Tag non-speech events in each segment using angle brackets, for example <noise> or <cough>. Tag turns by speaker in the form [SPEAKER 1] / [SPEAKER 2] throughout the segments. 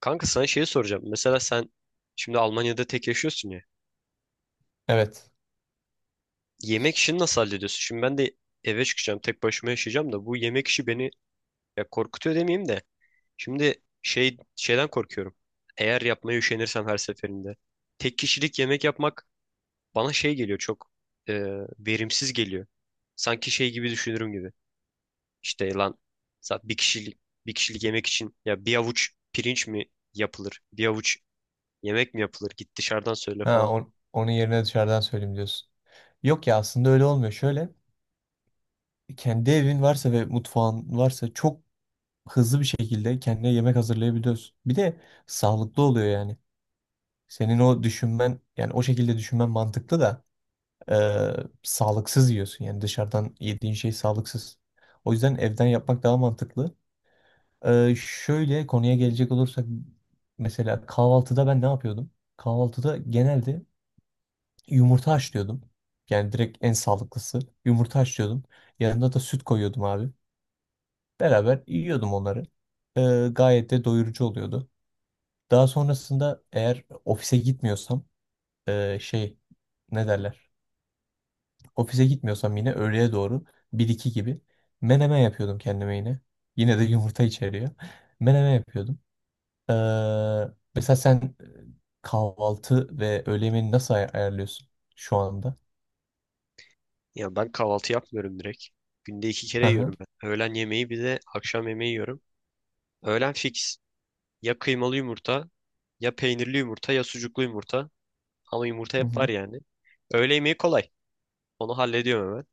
[SPEAKER 1] Kanka sana şeyi soracağım. Mesela sen şimdi Almanya'da tek yaşıyorsun ya.
[SPEAKER 2] Evet.
[SPEAKER 1] Yemek işini nasıl hallediyorsun? Şimdi ben de eve çıkacağım, tek başıma yaşayacağım da bu yemek işi beni ya korkutuyor demeyeyim de. Şimdi şeyden korkuyorum. Eğer yapmaya üşenirsem her seferinde. Tek kişilik yemek yapmak bana şey geliyor çok e, verimsiz geliyor. Sanki şey gibi düşünürüm gibi. İşte lan zaten bir kişilik yemek için ya bir avuç pirinç mi yapılır? Bir avuç yemek mi yapılır? Git dışarıdan söyle
[SPEAKER 2] Ha,
[SPEAKER 1] falan.
[SPEAKER 2] onun yerine dışarıdan söyleyeyim diyorsun. Yok ya, aslında öyle olmuyor. Şöyle, kendi evin varsa ve mutfağın varsa çok hızlı bir şekilde kendine yemek hazırlayabiliyorsun. Bir de sağlıklı oluyor yani. Senin o düşünmen, yani o şekilde düşünmen mantıklı da e, sağlıksız yiyorsun. Yani dışarıdan yediğin şey sağlıksız. O yüzden evden yapmak daha mantıklı. Şöyle konuya gelecek olursak, mesela kahvaltıda ben ne yapıyordum? Kahvaltıda genelde yumurta haşlıyordum. Yani direkt en sağlıklısı. Yumurta haşlıyordum. Yanına da süt koyuyordum abi. Beraber yiyordum onları. Gayet de doyurucu oluyordu. Daha sonrasında, eğer ofise gitmiyorsam ee, şey ne derler? Ofise gitmiyorsam yine öğleye doğru, bir iki gibi, menemen yapıyordum kendime yine. Yine de yumurta içeriyor. <laughs> Menemen yapıyordum. Ee, mesela sen, kahvaltı ve öğle yemeğini nasıl ayarlıyorsun şu anda?
[SPEAKER 1] Ya ben kahvaltı yapmıyorum direkt. Günde iki
[SPEAKER 2] Hı
[SPEAKER 1] kere
[SPEAKER 2] hı.
[SPEAKER 1] yiyorum ben. Öğlen yemeği bir de akşam yemeği yiyorum. Öğlen fix. Ya kıymalı yumurta, ya peynirli yumurta, ya sucuklu yumurta. Ama yumurta
[SPEAKER 2] Hı
[SPEAKER 1] hep var
[SPEAKER 2] hı.
[SPEAKER 1] yani. Öğle yemeği kolay. Onu hallediyorum hemen.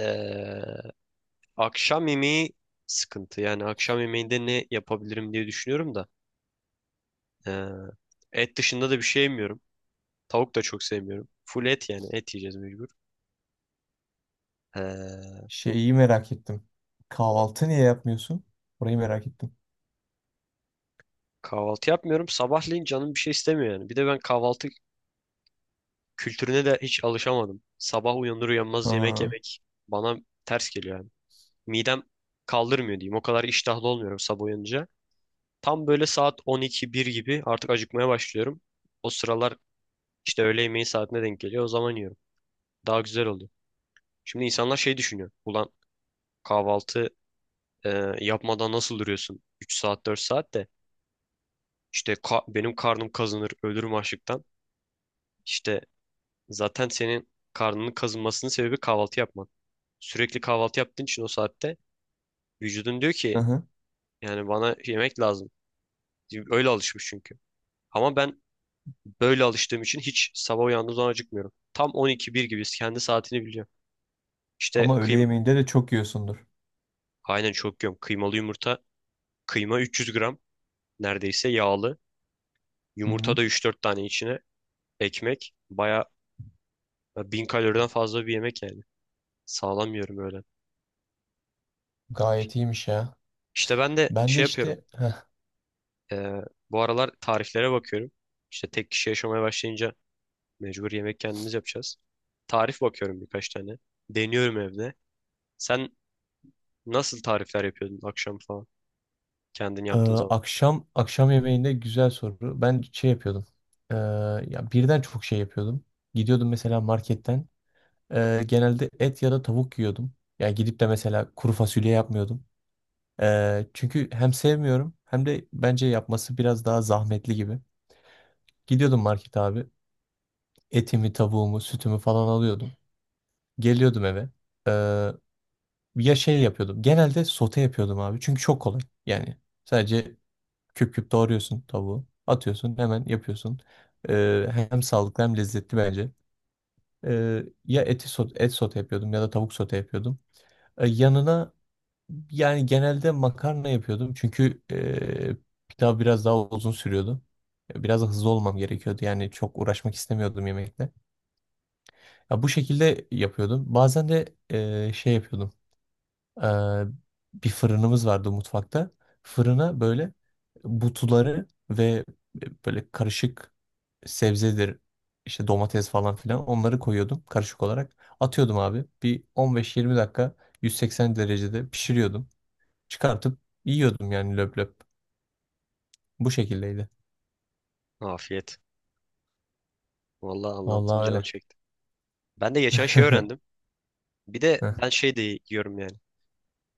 [SPEAKER 1] Ee, Akşam yemeği sıkıntı. Yani akşam yemeğinde ne yapabilirim diye düşünüyorum da. Ee, Et dışında da bir şey yemiyorum. Tavuk da çok sevmiyorum. Full et yani. Et yiyeceğiz mecbur. Ee,
[SPEAKER 2] Şeyi merak ettim. Kahvaltı niye yapmıyorsun? Orayı merak ettim.
[SPEAKER 1] Kahvaltı yapmıyorum. Sabahleyin canım bir şey istemiyor yani. Bir de ben kahvaltı kültürüne de hiç alışamadım. Sabah uyanır uyanmaz yemek
[SPEAKER 2] Ha,
[SPEAKER 1] yemek bana ters geliyor yani. Midem kaldırmıyor diyeyim. O kadar iştahlı olmuyorum sabah uyanınca. Tam böyle saat 12-1 gibi artık acıkmaya başlıyorum. O sıralar işte öğle yemeği saatine denk geliyor. O zaman yiyorum. Daha güzel oluyor. Şimdi insanlar şey düşünüyor. Ulan kahvaltı e, yapmadan nasıl duruyorsun? 3 saat 4 saat de işte benim karnım kazınır ölürüm açlıktan. İşte zaten senin karnının kazınmasının sebebi kahvaltı yapman. Sürekli kahvaltı yaptığın için o saatte vücudun diyor
[SPEAKER 2] hı
[SPEAKER 1] ki
[SPEAKER 2] hı.
[SPEAKER 1] yani bana yemek lazım. Öyle alışmış çünkü. Ama ben böyle alıştığım için hiç sabah uyandığım zaman acıkmıyorum. Tam 12-1 gibi kendi saatini biliyorum. İşte
[SPEAKER 2] Ama öğle yemeğinde de çok yiyorsundur.
[SPEAKER 1] aynen çok yiyorum. Kıymalı yumurta. Kıyma 300 gram neredeyse yağlı.
[SPEAKER 2] Hı
[SPEAKER 1] Yumurta
[SPEAKER 2] hı.
[SPEAKER 1] da 3-4 tane içine. Ekmek. Baya 1000 kaloriden fazla bir yemek yani. Sağlam yiyorum öyle.
[SPEAKER 2] Gayet iyiymiş ya.
[SPEAKER 1] İşte ben de
[SPEAKER 2] Ben de
[SPEAKER 1] şey yapıyorum.
[SPEAKER 2] işte, heh,
[SPEAKER 1] Ee, Bu aralar tariflere bakıyorum. İşte tek kişi yaşamaya başlayınca mecbur yemek kendimiz yapacağız. Tarif bakıyorum birkaç tane. Deniyorum evde. Sen nasıl tarifler yapıyordun akşam falan? Kendin
[SPEAKER 2] e,
[SPEAKER 1] yaptığın zaman.
[SPEAKER 2] akşam akşam yemeğinde güzel soru. Ben şey yapıyordum. E, ya, birden çok şey yapıyordum. Gidiyordum mesela marketten. Genelde et ya da tavuk yiyordum. Ya gidip de mesela kuru fasulye yapmıyordum. Çünkü hem sevmiyorum, hem de bence yapması biraz daha zahmetli gibi. Gidiyordum market abi. Etimi, tavuğumu, sütümü falan alıyordum. Geliyordum eve. Ee, ya, şey yapıyordum. Genelde sote yapıyordum abi. Çünkü çok kolay. Yani sadece küp küp doğruyorsun tavuğu. Atıyorsun, hemen yapıyorsun. Hem sağlıklı hem lezzetli bence. Ya eti sote, et sote yapıyordum ya da tavuk sote yapıyordum. Yanına yani genelde makarna yapıyordum. Çünkü pilav biraz daha uzun sürüyordu. Biraz da hızlı olmam gerekiyordu. Yani çok uğraşmak istemiyordum yemekle. Ya bu şekilde yapıyordum. Bazen de şey yapıyordum. E, bir fırınımız vardı mutfakta. Fırına böyle butuları ve böyle karışık sebzedir, işte domates falan filan, onları koyuyordum karışık olarak. Atıyordum abi. Bir 15-20 dakika 180 derecede pişiriyordum. Çıkartıp yiyordum yani löp löp. Bu şekildeydi.
[SPEAKER 1] Afiyet. Vallahi anlattın
[SPEAKER 2] Vallahi
[SPEAKER 1] canım
[SPEAKER 2] öyle.
[SPEAKER 1] çekti. Ben de geçen şey öğrendim.
[SPEAKER 2] <laughs>
[SPEAKER 1] Bir de
[SPEAKER 2] Heh.
[SPEAKER 1] ben şey de yiyorum yani.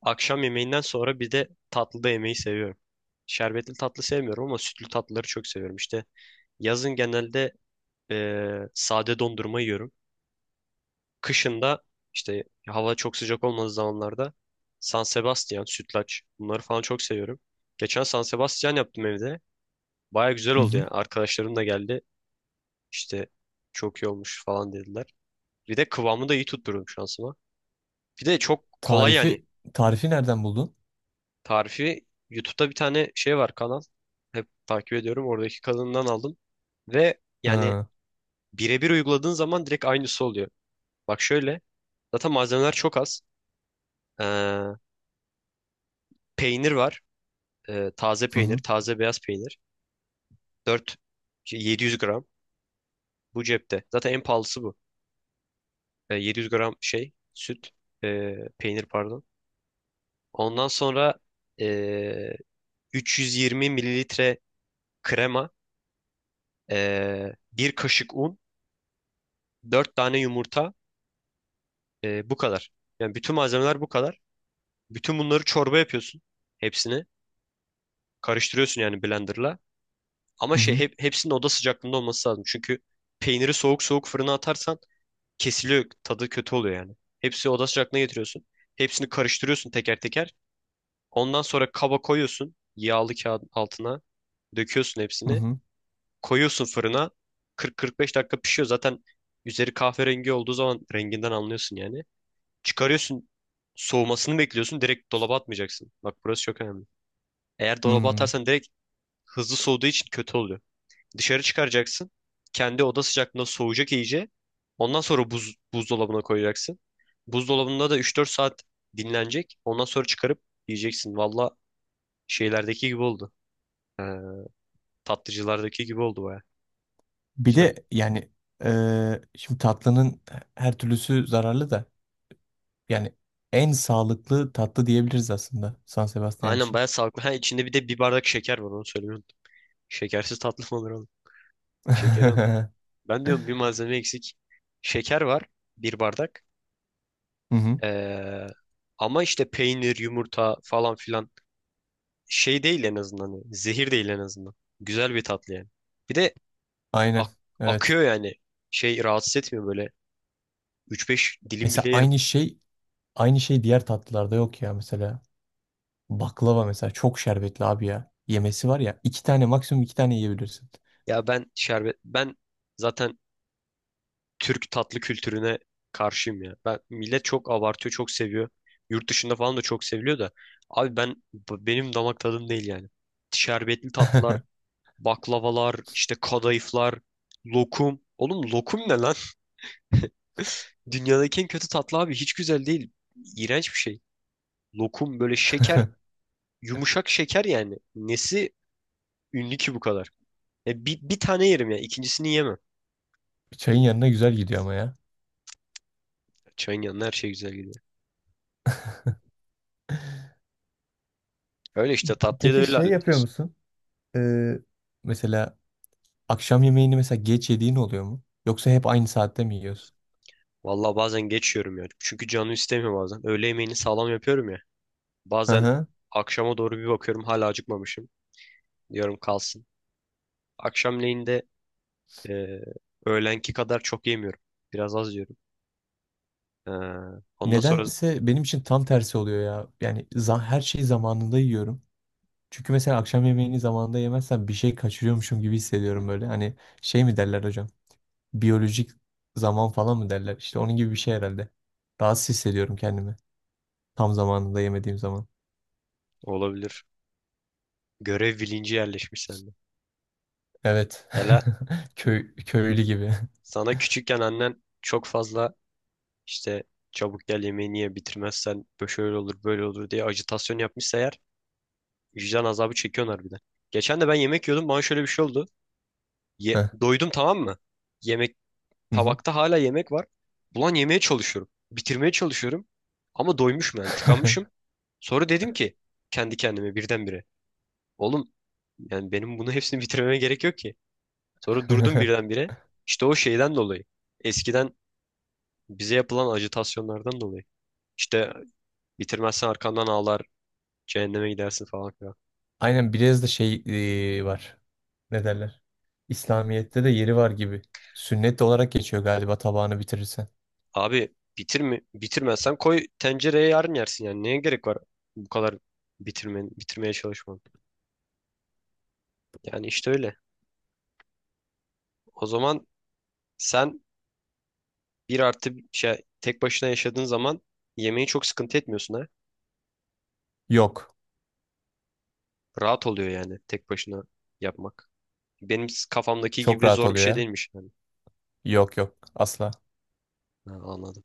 [SPEAKER 1] Akşam yemeğinden sonra bir de tatlı da yemeyi seviyorum. Şerbetli tatlı sevmiyorum ama sütlü tatlıları çok seviyorum. İşte yazın genelde sade dondurma yiyorum. Kışında işte hava çok sıcak olmadığı zamanlarda San Sebastian, sütlaç bunları falan çok seviyorum. Geçen San Sebastian yaptım evde. Baya güzel
[SPEAKER 2] Hı
[SPEAKER 1] oldu
[SPEAKER 2] hı.
[SPEAKER 1] yani. Arkadaşlarım da geldi. İşte çok iyi olmuş falan dediler. Bir de kıvamı da iyi tutturdum şansıma. Bir de çok kolay yani
[SPEAKER 2] Tarifi, tarifi nereden buldun?
[SPEAKER 1] tarifi. YouTube'da bir tane şey var kanal. Hep takip ediyorum. Oradaki kanalından aldım. Ve yani
[SPEAKER 2] Ha.
[SPEAKER 1] birebir uyguladığın zaman direkt aynısı oluyor. Bak şöyle. Zaten malzemeler çok az. Ee, Peynir var. Taze
[SPEAKER 2] Hı
[SPEAKER 1] peynir,
[SPEAKER 2] hı.
[SPEAKER 1] taze beyaz peynir. 4 700 gram bu cepte. Zaten en pahalısı bu. E, 700 gram şey süt, peynir pardon. Ondan sonra e, 320 mililitre krema, bir kaşık un, 4 tane yumurta, bu kadar. Yani bütün malzemeler bu kadar. Bütün bunları çorba yapıyorsun. Hepsini karıştırıyorsun yani blenderla. Ama
[SPEAKER 2] Hı
[SPEAKER 1] şey
[SPEAKER 2] hı.
[SPEAKER 1] hepsinin oda sıcaklığında olması lazım. Çünkü peyniri soğuk soğuk fırına atarsan kesiliyor. Tadı kötü oluyor yani. Hepsi oda sıcaklığına getiriyorsun. Hepsini karıştırıyorsun teker teker. Ondan sonra kaba koyuyorsun. Yağlı kağıdın altına. Döküyorsun
[SPEAKER 2] Hı
[SPEAKER 1] hepsini.
[SPEAKER 2] hı.
[SPEAKER 1] Koyuyorsun fırına. 40-45 dakika pişiyor. Zaten üzeri kahverengi olduğu zaman renginden anlıyorsun yani. Çıkarıyorsun. Soğumasını bekliyorsun. Direkt dolaba atmayacaksın. Bak burası çok önemli. Eğer dolaba
[SPEAKER 2] Hmm.
[SPEAKER 1] atarsan direkt hızlı soğuduğu için kötü oluyor. Dışarı çıkaracaksın. Kendi oda sıcaklığında soğuyacak iyice. Ondan sonra buzdolabına koyacaksın. Buzdolabında da 3-4 saat dinlenecek. Ondan sonra çıkarıp yiyeceksin. Valla şeylerdeki gibi oldu. Ee, Tatlıcılardaki gibi oldu baya.
[SPEAKER 2] Bir
[SPEAKER 1] Güzel.
[SPEAKER 2] de yani, şimdi tatlının her türlüsü zararlı da, yani en sağlıklı tatlı diyebiliriz aslında San Sebastian
[SPEAKER 1] Aynen
[SPEAKER 2] için.
[SPEAKER 1] baya sağlıklı. Ha içinde bir de bir bardak şeker var onu söylemeyi unuttum. Şekersiz tatlı mı olur oğlum?
[SPEAKER 2] <laughs>
[SPEAKER 1] Şekeri.
[SPEAKER 2] Hı
[SPEAKER 1] Ben diyorum bir malzeme eksik. Şeker var bir bardak.
[SPEAKER 2] hı.
[SPEAKER 1] Ee, Ama işte peynir, yumurta falan filan şey değil en azından. Yani, zehir değil en azından. Güzel bir tatlı yani. Bir de
[SPEAKER 2] Aynen.
[SPEAKER 1] ak-
[SPEAKER 2] Evet.
[SPEAKER 1] akıyor yani. Şey rahatsız etmiyor böyle. Üç beş dilim
[SPEAKER 2] Mesela
[SPEAKER 1] bile yerim.
[SPEAKER 2] aynı şey, aynı şey diğer tatlılarda yok ya mesela. Baklava mesela çok şerbetli abi ya. Yemesi var ya, iki tane, maksimum iki tane yiyebilirsin.
[SPEAKER 1] Ya ben şerbet ben zaten Türk tatlı kültürüne karşıyım ya. Ben millet çok abartıyor, çok seviyor. Yurt dışında falan da çok seviliyor da abi ben benim damak tadım değil yani. Şerbetli tatlılar,
[SPEAKER 2] <laughs>
[SPEAKER 1] baklavalar, işte kadayıflar, lokum. Oğlum lokum ne lan? <laughs> Dünyadaki en kötü tatlı abi hiç güzel değil. İğrenç bir şey. Lokum böyle şeker. Yumuşak şeker yani. Nesi ünlü ki bu kadar? E, bir tane yerim ya. İkincisini yemem.
[SPEAKER 2] Çayın yanına güzel gidiyor ama ya.
[SPEAKER 1] Çayın yanına her şey güzel gidiyor. Öyle işte tatlıyı da
[SPEAKER 2] Peki
[SPEAKER 1] öyle
[SPEAKER 2] şey yapıyor
[SPEAKER 1] hallediyoruz.
[SPEAKER 2] musun? Ee, mesela akşam yemeğini mesela geç yediğin oluyor mu? Yoksa hep aynı saatte mi yiyorsun?
[SPEAKER 1] Valla bazen geçiyorum ya. Çünkü canı istemiyor bazen. Öğle yemeğini sağlam yapıyorum ya.
[SPEAKER 2] Hı
[SPEAKER 1] Bazen
[SPEAKER 2] hı.
[SPEAKER 1] akşama doğru bir bakıyorum hala acıkmamışım. Diyorum kalsın. Akşamleyin de e, öğlenki kadar çok yemiyorum. Biraz az yiyorum. E, Ondan sonra
[SPEAKER 2] Nedense benim için tam tersi oluyor ya. Yani her şeyi zamanında yiyorum. Çünkü mesela akşam yemeğini zamanında yemezsem bir şey kaçırıyormuşum gibi hissediyorum böyle. Hani şey mi derler hocam? Biyolojik zaman falan mı derler? İşte onun gibi bir şey herhalde. Rahatsız hissediyorum kendimi, tam zamanında yemediğim zaman.
[SPEAKER 1] olabilir. Görev bilinci yerleşmiş sende.
[SPEAKER 2] Evet.
[SPEAKER 1] Ela
[SPEAKER 2] <laughs> Köy, köylü gibi.
[SPEAKER 1] sana küçükken annen çok fazla İşte çabuk gel yemeğini ye bitirmezsen böyle şöyle olur böyle olur diye ajitasyon yapmışsa eğer vicdan azabı çekiyorlar harbiden. Geçen de ben yemek yiyordum bana şöyle bir şey oldu.
[SPEAKER 2] <laughs> Heh.
[SPEAKER 1] Doydum tamam mı? Yemek
[SPEAKER 2] Hı
[SPEAKER 1] tabakta hala yemek var. Ulan yemeye çalışıyorum. Bitirmeye çalışıyorum. Ama doymuşum yani
[SPEAKER 2] hı.
[SPEAKER 1] tıkanmışım. Sonra dedim ki kendi kendime birdenbire. Oğlum yani benim bunu hepsini bitirmeme gerek yok ki. Sonra durdum
[SPEAKER 2] <laughs>
[SPEAKER 1] birdenbire. İşte o şeyden dolayı. Eskiden bize yapılan ajitasyonlardan dolayı. İşte bitirmezsen arkandan ağlar, cehenneme gidersin falan filan.
[SPEAKER 2] Aynen, biraz da şey var. Ne derler? İslamiyet'te de yeri var gibi. Sünnet olarak geçiyor galiba, tabağını bitirirsen.
[SPEAKER 1] Abi bitirme, bitirmezsen koy tencereye yarın yersin yani. Neye gerek var bu kadar bitirmen, bitirmeye çalışman? Yani işte öyle. O zaman sen bir artı şey, tek başına yaşadığın zaman yemeği çok sıkıntı etmiyorsun ha.
[SPEAKER 2] Yok.
[SPEAKER 1] Rahat oluyor yani tek başına yapmak. Benim kafamdaki
[SPEAKER 2] Çok
[SPEAKER 1] gibi
[SPEAKER 2] rahat
[SPEAKER 1] zor bir
[SPEAKER 2] oluyor
[SPEAKER 1] şey
[SPEAKER 2] ya.
[SPEAKER 1] değilmiş yani.
[SPEAKER 2] Yok yok. Asla.
[SPEAKER 1] Ha, anladım.